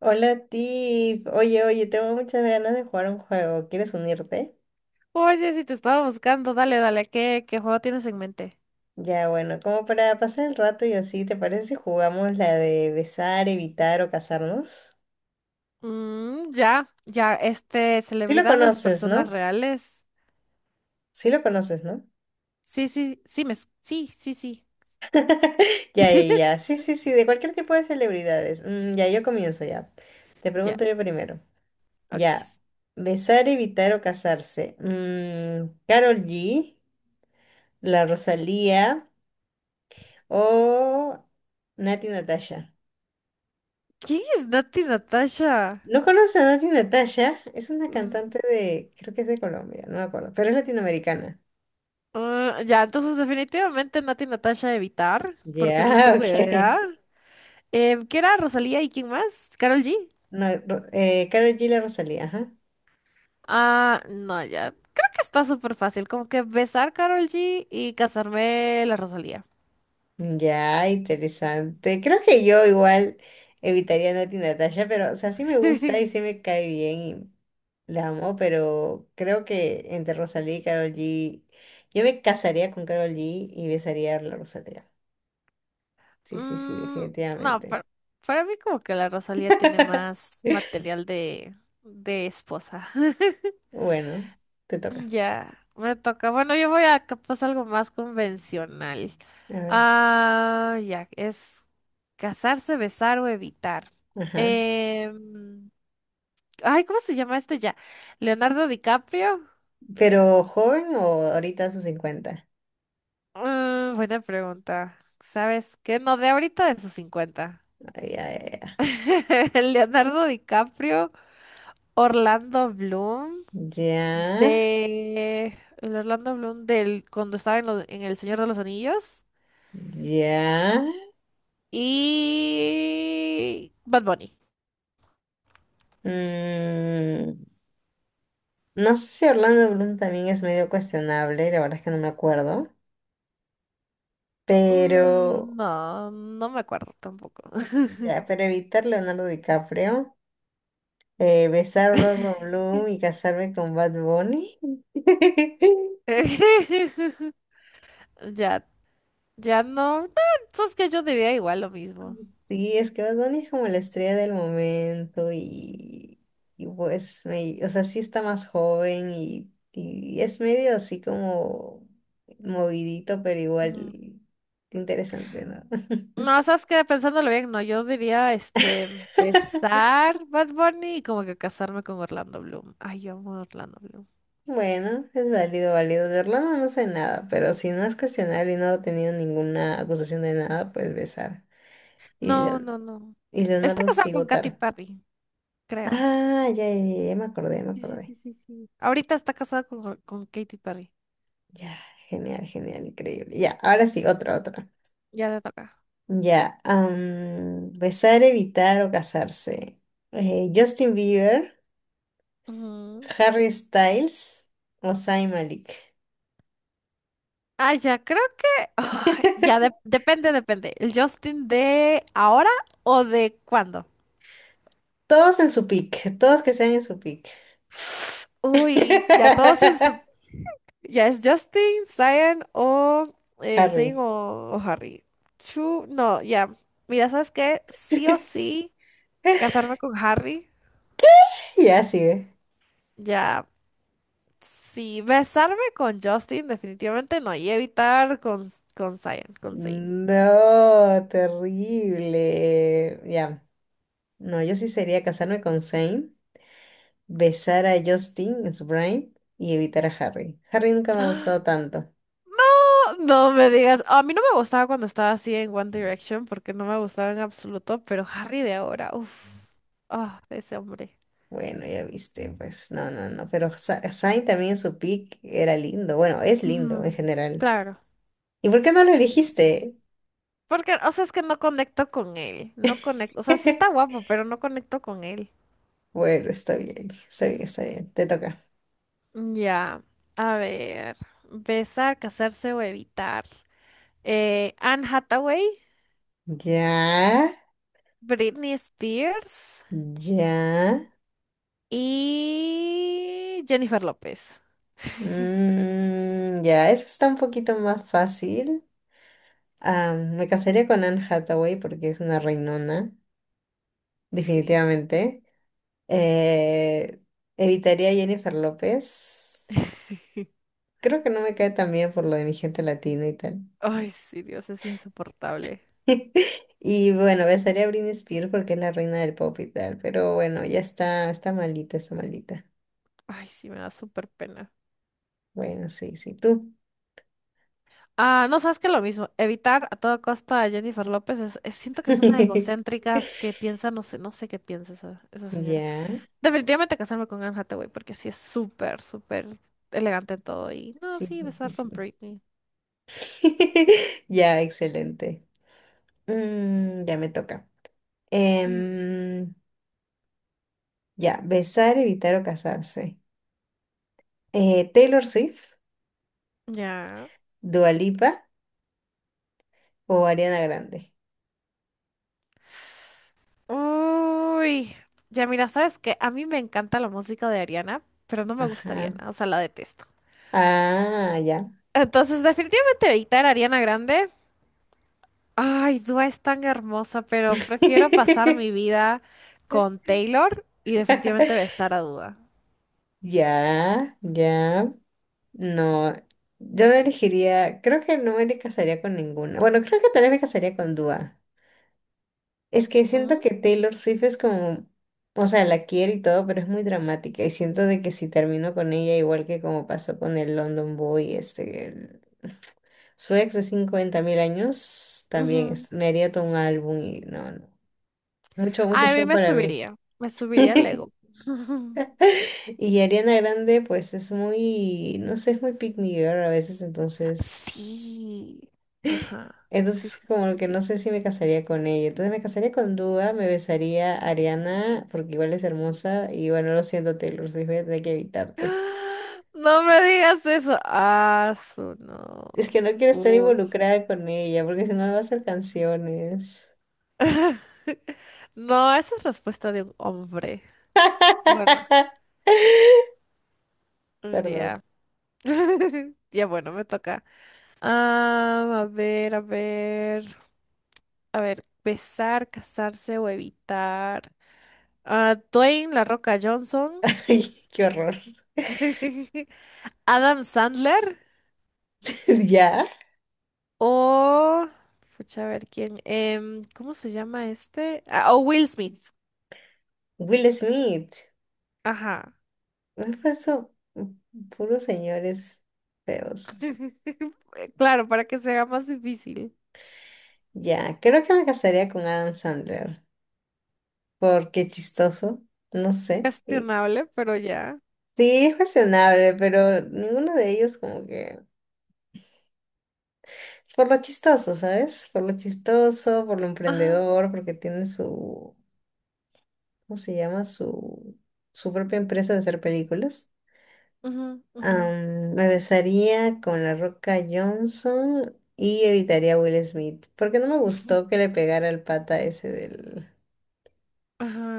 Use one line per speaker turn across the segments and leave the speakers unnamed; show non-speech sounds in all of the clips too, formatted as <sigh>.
Hola Tiff, oye, tengo muchas ganas de jugar un juego, ¿quieres unirte?
Oye, si te estaba buscando, dale, dale, ¿qué juego tienes en mente?
Ya, bueno, como para pasar el rato y así, ¿te parece si jugamos la de besar, evitar o casarnos?
Mm, ya, ya,
Sí lo
celebridades,
conoces,
personas
¿no?
reales.
Sí lo conoces, ¿no?
Sí, sí, sí, sí, sí, sí.
Ya, ya, ya,
<laughs>
sí, sí, sí, de cualquier tipo de celebridades. Mm, ya, yo comienzo ya. Te
Ya,
pregunto yo primero. Ya,
ok.
besar, evitar o casarse. Karol G, la Rosalía o Nati Natasha.
¿Quién es Nati Natasha?
¿No conoces a Nati Natasha? Es una
Mm,
cantante de, creo que es de Colombia, no me acuerdo, pero es latinoamericana.
ya, entonces definitivamente Nati Natasha evitar, porque no
Ya,
tengo
<laughs>
idea.
ok.
¿Qué era Rosalía y quién más? ¿Carol G?
No, Karol G, la Rosalía, ajá.
Ah, no, ya. Creo que está súper fácil, como que besar Carol G y casarme la Rosalía.
Ya, interesante. Creo que yo igual evitaría a Nati Natasha, pero, o sea, sí me gusta y
<laughs>
sí me cae bien y la amo, pero creo que entre Rosalía y Karol G, yo me casaría con Karol G y besaría a la Rosalía. Sí, sí, sí,
Mm, no,
definitivamente.
para mí como que la Rosalía tiene
<laughs>
más material de esposa. <laughs>
Bueno, te toca.
Ya, me toca. Bueno, yo voy a capaz algo más convencional.
A ver.
Ah, ya, es casarse, besar o evitar.
Ajá.
Em, Ay, ¿cómo se llama este ya? ¿Leonardo DiCaprio?
¿Pero joven o ahorita a sus 50?
Mm, buena pregunta. ¿Sabes qué? No, de ahorita de sus cincuenta.
Ay, ay, ay.
<laughs> Leonardo DiCaprio, Orlando Bloom.
Ya,
De el Orlando Bloom del cuando estaba en, en El Señor de los Anillos
ya.
y Bad Bunny.
Mm, no sé si Orlando Bloom también es medio cuestionable, la verdad es que no me acuerdo.
Mm,
Pero,
no, no me acuerdo tampoco.
ya, pero evitar Leonardo DiCaprio, besar a Orlando Bloom y casarme con Bad Bunny. <laughs>
<laughs> Ya, ya no. No, sabes que yo diría igual lo mismo.
Sí, es que Bad Bunny es como la estrella del momento y pues, me, o sea, sí está más joven y es medio así como movidito, pero
Ujú.
igual interesante, ¿no?
No, sabes que pensándolo bien, no, yo diría
<laughs>
empezar Bad Bunny y como que casarme con Orlando Bloom. Ay, yo amo a Orlando Bloom.
Bueno, es válido, válido. De Orlando no sé nada, pero si no es cuestionable y no ha tenido ninguna acusación de nada, pues besar. Y,
No,
Leon-
no, no.
y
Está
Leonardo
casado
sí
con Katy
votar.
Perry, creo.
Ah, ya me acordé, ya me
Sí, sí,
acordé.
sí, sí, sí. Ahorita está casada con Katy Perry.
Ya, genial, genial, increíble. Ya, ahora sí, otra, otra.
Ya le toca.
Ya, besar, evitar o casarse. Justin Bieber,
Ujú.
Harry Styles o Zayn Malik.
Ah, ya, creo que... ya,
<laughs>
depende, depende. ¿El Justin de ahora o de cuándo?
Todos en su pick, todos que sean en su pick.
Uy, ya todos en su...
<laughs>
Ya es Justin, Zion o... Zayn
Harry.
o Harry. Chu, no, ya. Mira, ¿sabes qué? Sí o
<laughs>
sí, casarme con Harry.
Ya sigue.
Ya. Sí, besarme con Justin definitivamente no, y evitar con Zayn, con Zayn.
No, terrible. Ya, no, yo sí sería casarme con Zayn, besar a Justin en su prime y evitar a Harry. Harry nunca me ha gustado tanto.
No, no me digas, a mí no me gustaba cuando estaba así en One Direction porque no me gustaba en absoluto, pero Harry de ahora, uff, ah, ese hombre.
Bueno, ya viste, pues no, no, no, pero Sainz también en su pick era lindo, bueno, es lindo en
Ujú,
general.
claro.
¿Y por qué no lo
Sí.
elegiste?
Porque, o sea, es que no conecto con él, no conecto, o sea, sí está
<laughs>
guapo, pero no conecto con él.
Bueno, está bien, está bien, está bien, te toca.
Ya, a ver, besar, casarse o evitar. Anne Hathaway,
Ya,
Britney Spears
ya,
y Jennifer López.
ya, eso está un poquito más fácil. Ah, me casaría con Anne Hathaway porque es una reinona,
Sí.
definitivamente. Eh, evitaría a Jennifer López.
<laughs>
Creo que no me cae tan bien por lo de mi gente latina y tal.
Ay, sí, Dios, es insoportable.
<laughs> Y bueno, besaría a Britney Spears porque es la reina del pop y tal, pero bueno, ya está, está malita está malita.
Ay, sí, me da súper pena.
Bueno, sí, sí, tú.
Ah, no, sabes que lo mismo, evitar a toda costa a Jennifer López siento que es una
<laughs>
egocéntrica que piensa, no sé, no sé qué piensa esa señora.
Ya,
Definitivamente casarme con Anne Hathaway porque sí es súper, súper elegante en todo y no,
sí,
sí,
sí,
besar
sí.
con Britney.
<laughs> Ya, excelente. Mm, ya me toca.
Mm,
Em, ya, besar, evitar o casarse. Taylor Swift,
ya.
Dua Lipa o Ariana Grande.
Uy, ya mira, sabes que a mí me encanta la música de Ariana, pero no me gusta
Ajá.
Ariana, o sea, la detesto.
Ah, ya.
Entonces, definitivamente evitar a Ariana Grande. Ay, Dua es tan hermosa, pero prefiero pasar mi vida con
<laughs>
Taylor y definitivamente besar a Dua.
Ya, ya, no, yo no elegiría, creo que no me casaría con ninguna. Bueno, creo que tal vez me casaría con Dua. Es que siento
Mm,
que Taylor Swift es como, o sea, la quiero y todo, pero es muy dramática y siento de que si termino con ella, igual que como pasó con el London Boy, su ex de 50 mil años, también
ujú.
me haría todo un álbum y no, no. Mucho, mucho
Ay, a mí
show para mí.
me subiría el
<laughs>
ego. <laughs>
Y Ariana Grande, pues es muy, no sé, es muy pick me girl a veces, entonces.
Sí. Ajá. Sí,
Entonces,
sí, sí,
como
sí,
que
sí.
no sé si me casaría con ella. Entonces, me casaría con Dua, me besaría a Ariana, porque igual es hermosa. Y bueno, lo siento, Taylor Swift, voy a tener que evitarte.
No me digas eso. Ah, su no.
Es que no quiero estar
Puch.
involucrada con ella, porque si no me va a hacer canciones.
No, esa es respuesta de un hombre. Bueno,
<laughs> Perdón.
ya. <laughs> Ya bueno, me toca. Ah, a ver, a ver. A ver, besar, casarse o evitar. Ah, Dwayne La Roca Johnson.
<laughs> Ay, qué horror.
<laughs> Adam Sandler.
<laughs> ¿Ya?
O. Pucha, a ver quién. ¿Cómo se llama este? Ah, o Will Smith.
Will Smith.
Ajá.
Me he puesto puros señores feos.
<laughs> Claro, para que sea más difícil.
Ya, creo que me casaría con Adam Sandler, porque chistoso, no sé.
Cuestionable, pero ya.
Sí, es cuestionable, pero ninguno de ellos como que por lo chistoso, ¿sabes? Por lo chistoso, por lo
Ajá.
emprendedor, porque tiene su, ¿cómo se llama? Su propia empresa de hacer películas.
Ujú, ujú.
Me besaría con La Roca Johnson y evitaría a Will Smith, porque no me gustó que le pegara el pata ese del,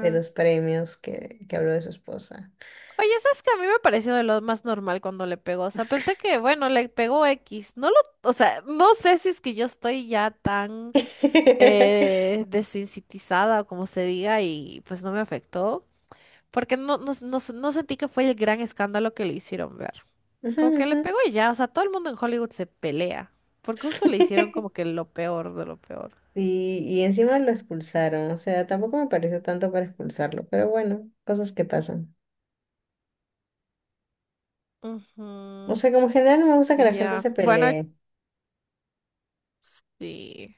de los premios que habló de su esposa.
Oye, ¿sabes que a mí me pareció de lo más normal cuando le pegó? O sea, pensé que, bueno, le pegó X. O sea, no sé si es que yo estoy ya tan
<laughs>
desensitizada, o como se diga, y pues no me afectó. Porque no, no, no, no sentí que fue el gran escándalo que le hicieron ver.
Ujú,
Como que le
ujú.
pegó y ya, o sea, todo el mundo en Hollywood se pelea. Porque justo le hicieron
<laughs>
como que lo peor de lo peor.
Y encima lo expulsaron, o sea, tampoco me pareció tanto para expulsarlo, pero bueno, cosas que pasan. O
Ujú,
sea, como en general no me gusta que la gente
ya.
se
Bueno,
pelee.
sí.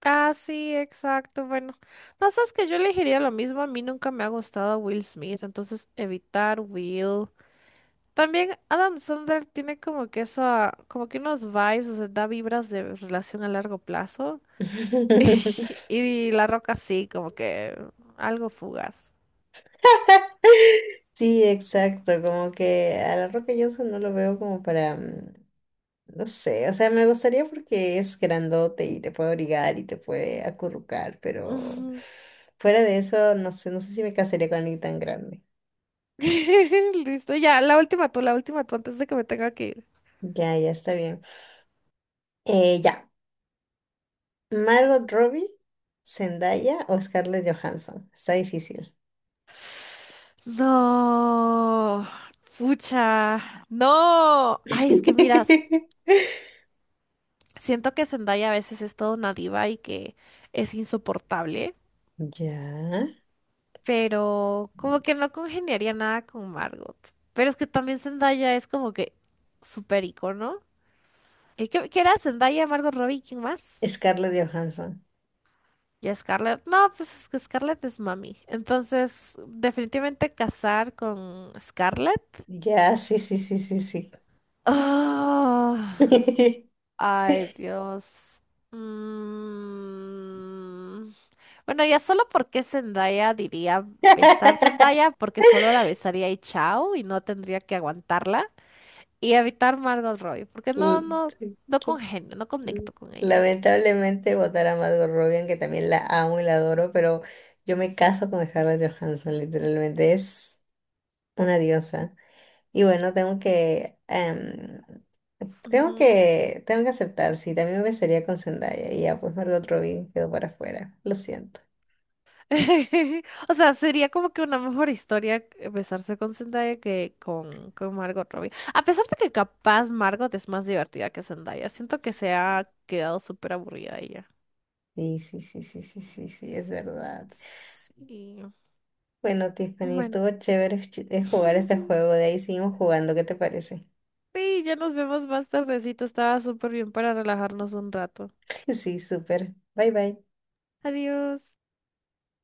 Ah, sí, exacto. Bueno, no sabes que yo elegiría lo mismo. A mí nunca me ha gustado Will Smith, entonces evitar Will. También Adam Sandler tiene como que eso, como que unos vibes, o sea, da vibras de relación a largo plazo. <laughs>
<laughs>
Y la Roca sí, como que algo fugaz.
Sí, exacto, como que a la Roca Johnson no lo veo como para, mm, no sé, o sea, me gustaría porque es grandote y te puede obligar y te puede acurrucar, pero
Ujú.
fuera de eso, no sé, no sé si me casaría con alguien tan grande.
<laughs> Listo, ya, la última tú, antes de que me tenga que ir.
Ya, ya está bien. Eh, ya. Margot Robbie, Zendaya o Scarlett Johansson. Está difícil.
No, pucha, no. Ay, es que mira,
<laughs>
siento que Zendaya a veces es toda una diva y que es insoportable,
Ya.
pero como que no congeniaría nada con Margot. Pero es que también Zendaya es como que súper icono. ¿Y qué era Zendaya, Margot Robbie, quién más?
Scarlett Johansson.
¿Y Scarlett? No, pues es que Scarlett es mami. Entonces, definitivamente casar con Scarlett.
Ya, sí, sí, sí, sí, sí.
Ah,
<laughs>
ay, Dios. Mm. Bueno, ya solo porque Zendaya diría besar Zendaya, porque solo la besaría y chao, y no tendría que aguantarla. Y evitar Margot Robbie, porque
L-
no congenio, no conecto con ella.
Lamentablemente votar a Margot Robbie, aunque también la amo y la adoro, pero yo me caso con Scarlett Johansson, literalmente. Es una diosa. Y bueno, tengo
Ujú.
tengo que aceptar, sí, también me besaría con Zendaya y ya pues Margot Robbie quedó para afuera, lo siento.
<laughs> O sea, sería como que una mejor historia besarse con Zendaya que con Margot Robbie. A pesar de que capaz Margot es más divertida que Zendaya, siento que se ha quedado súper aburrida ella.
Sí, sí, sí, sí, sí, sí, sí, es verdad.
Sí.
Bueno, Tiffany,
Bueno.
estuvo chévere jugar este
<laughs>
juego, de ahí seguimos jugando, ¿qué te parece?
Sí, ya nos vemos más tardecito. Estaba súper bien para relajarnos un rato.
<laughs> Sí, súper. Bye, bye.
Adiós.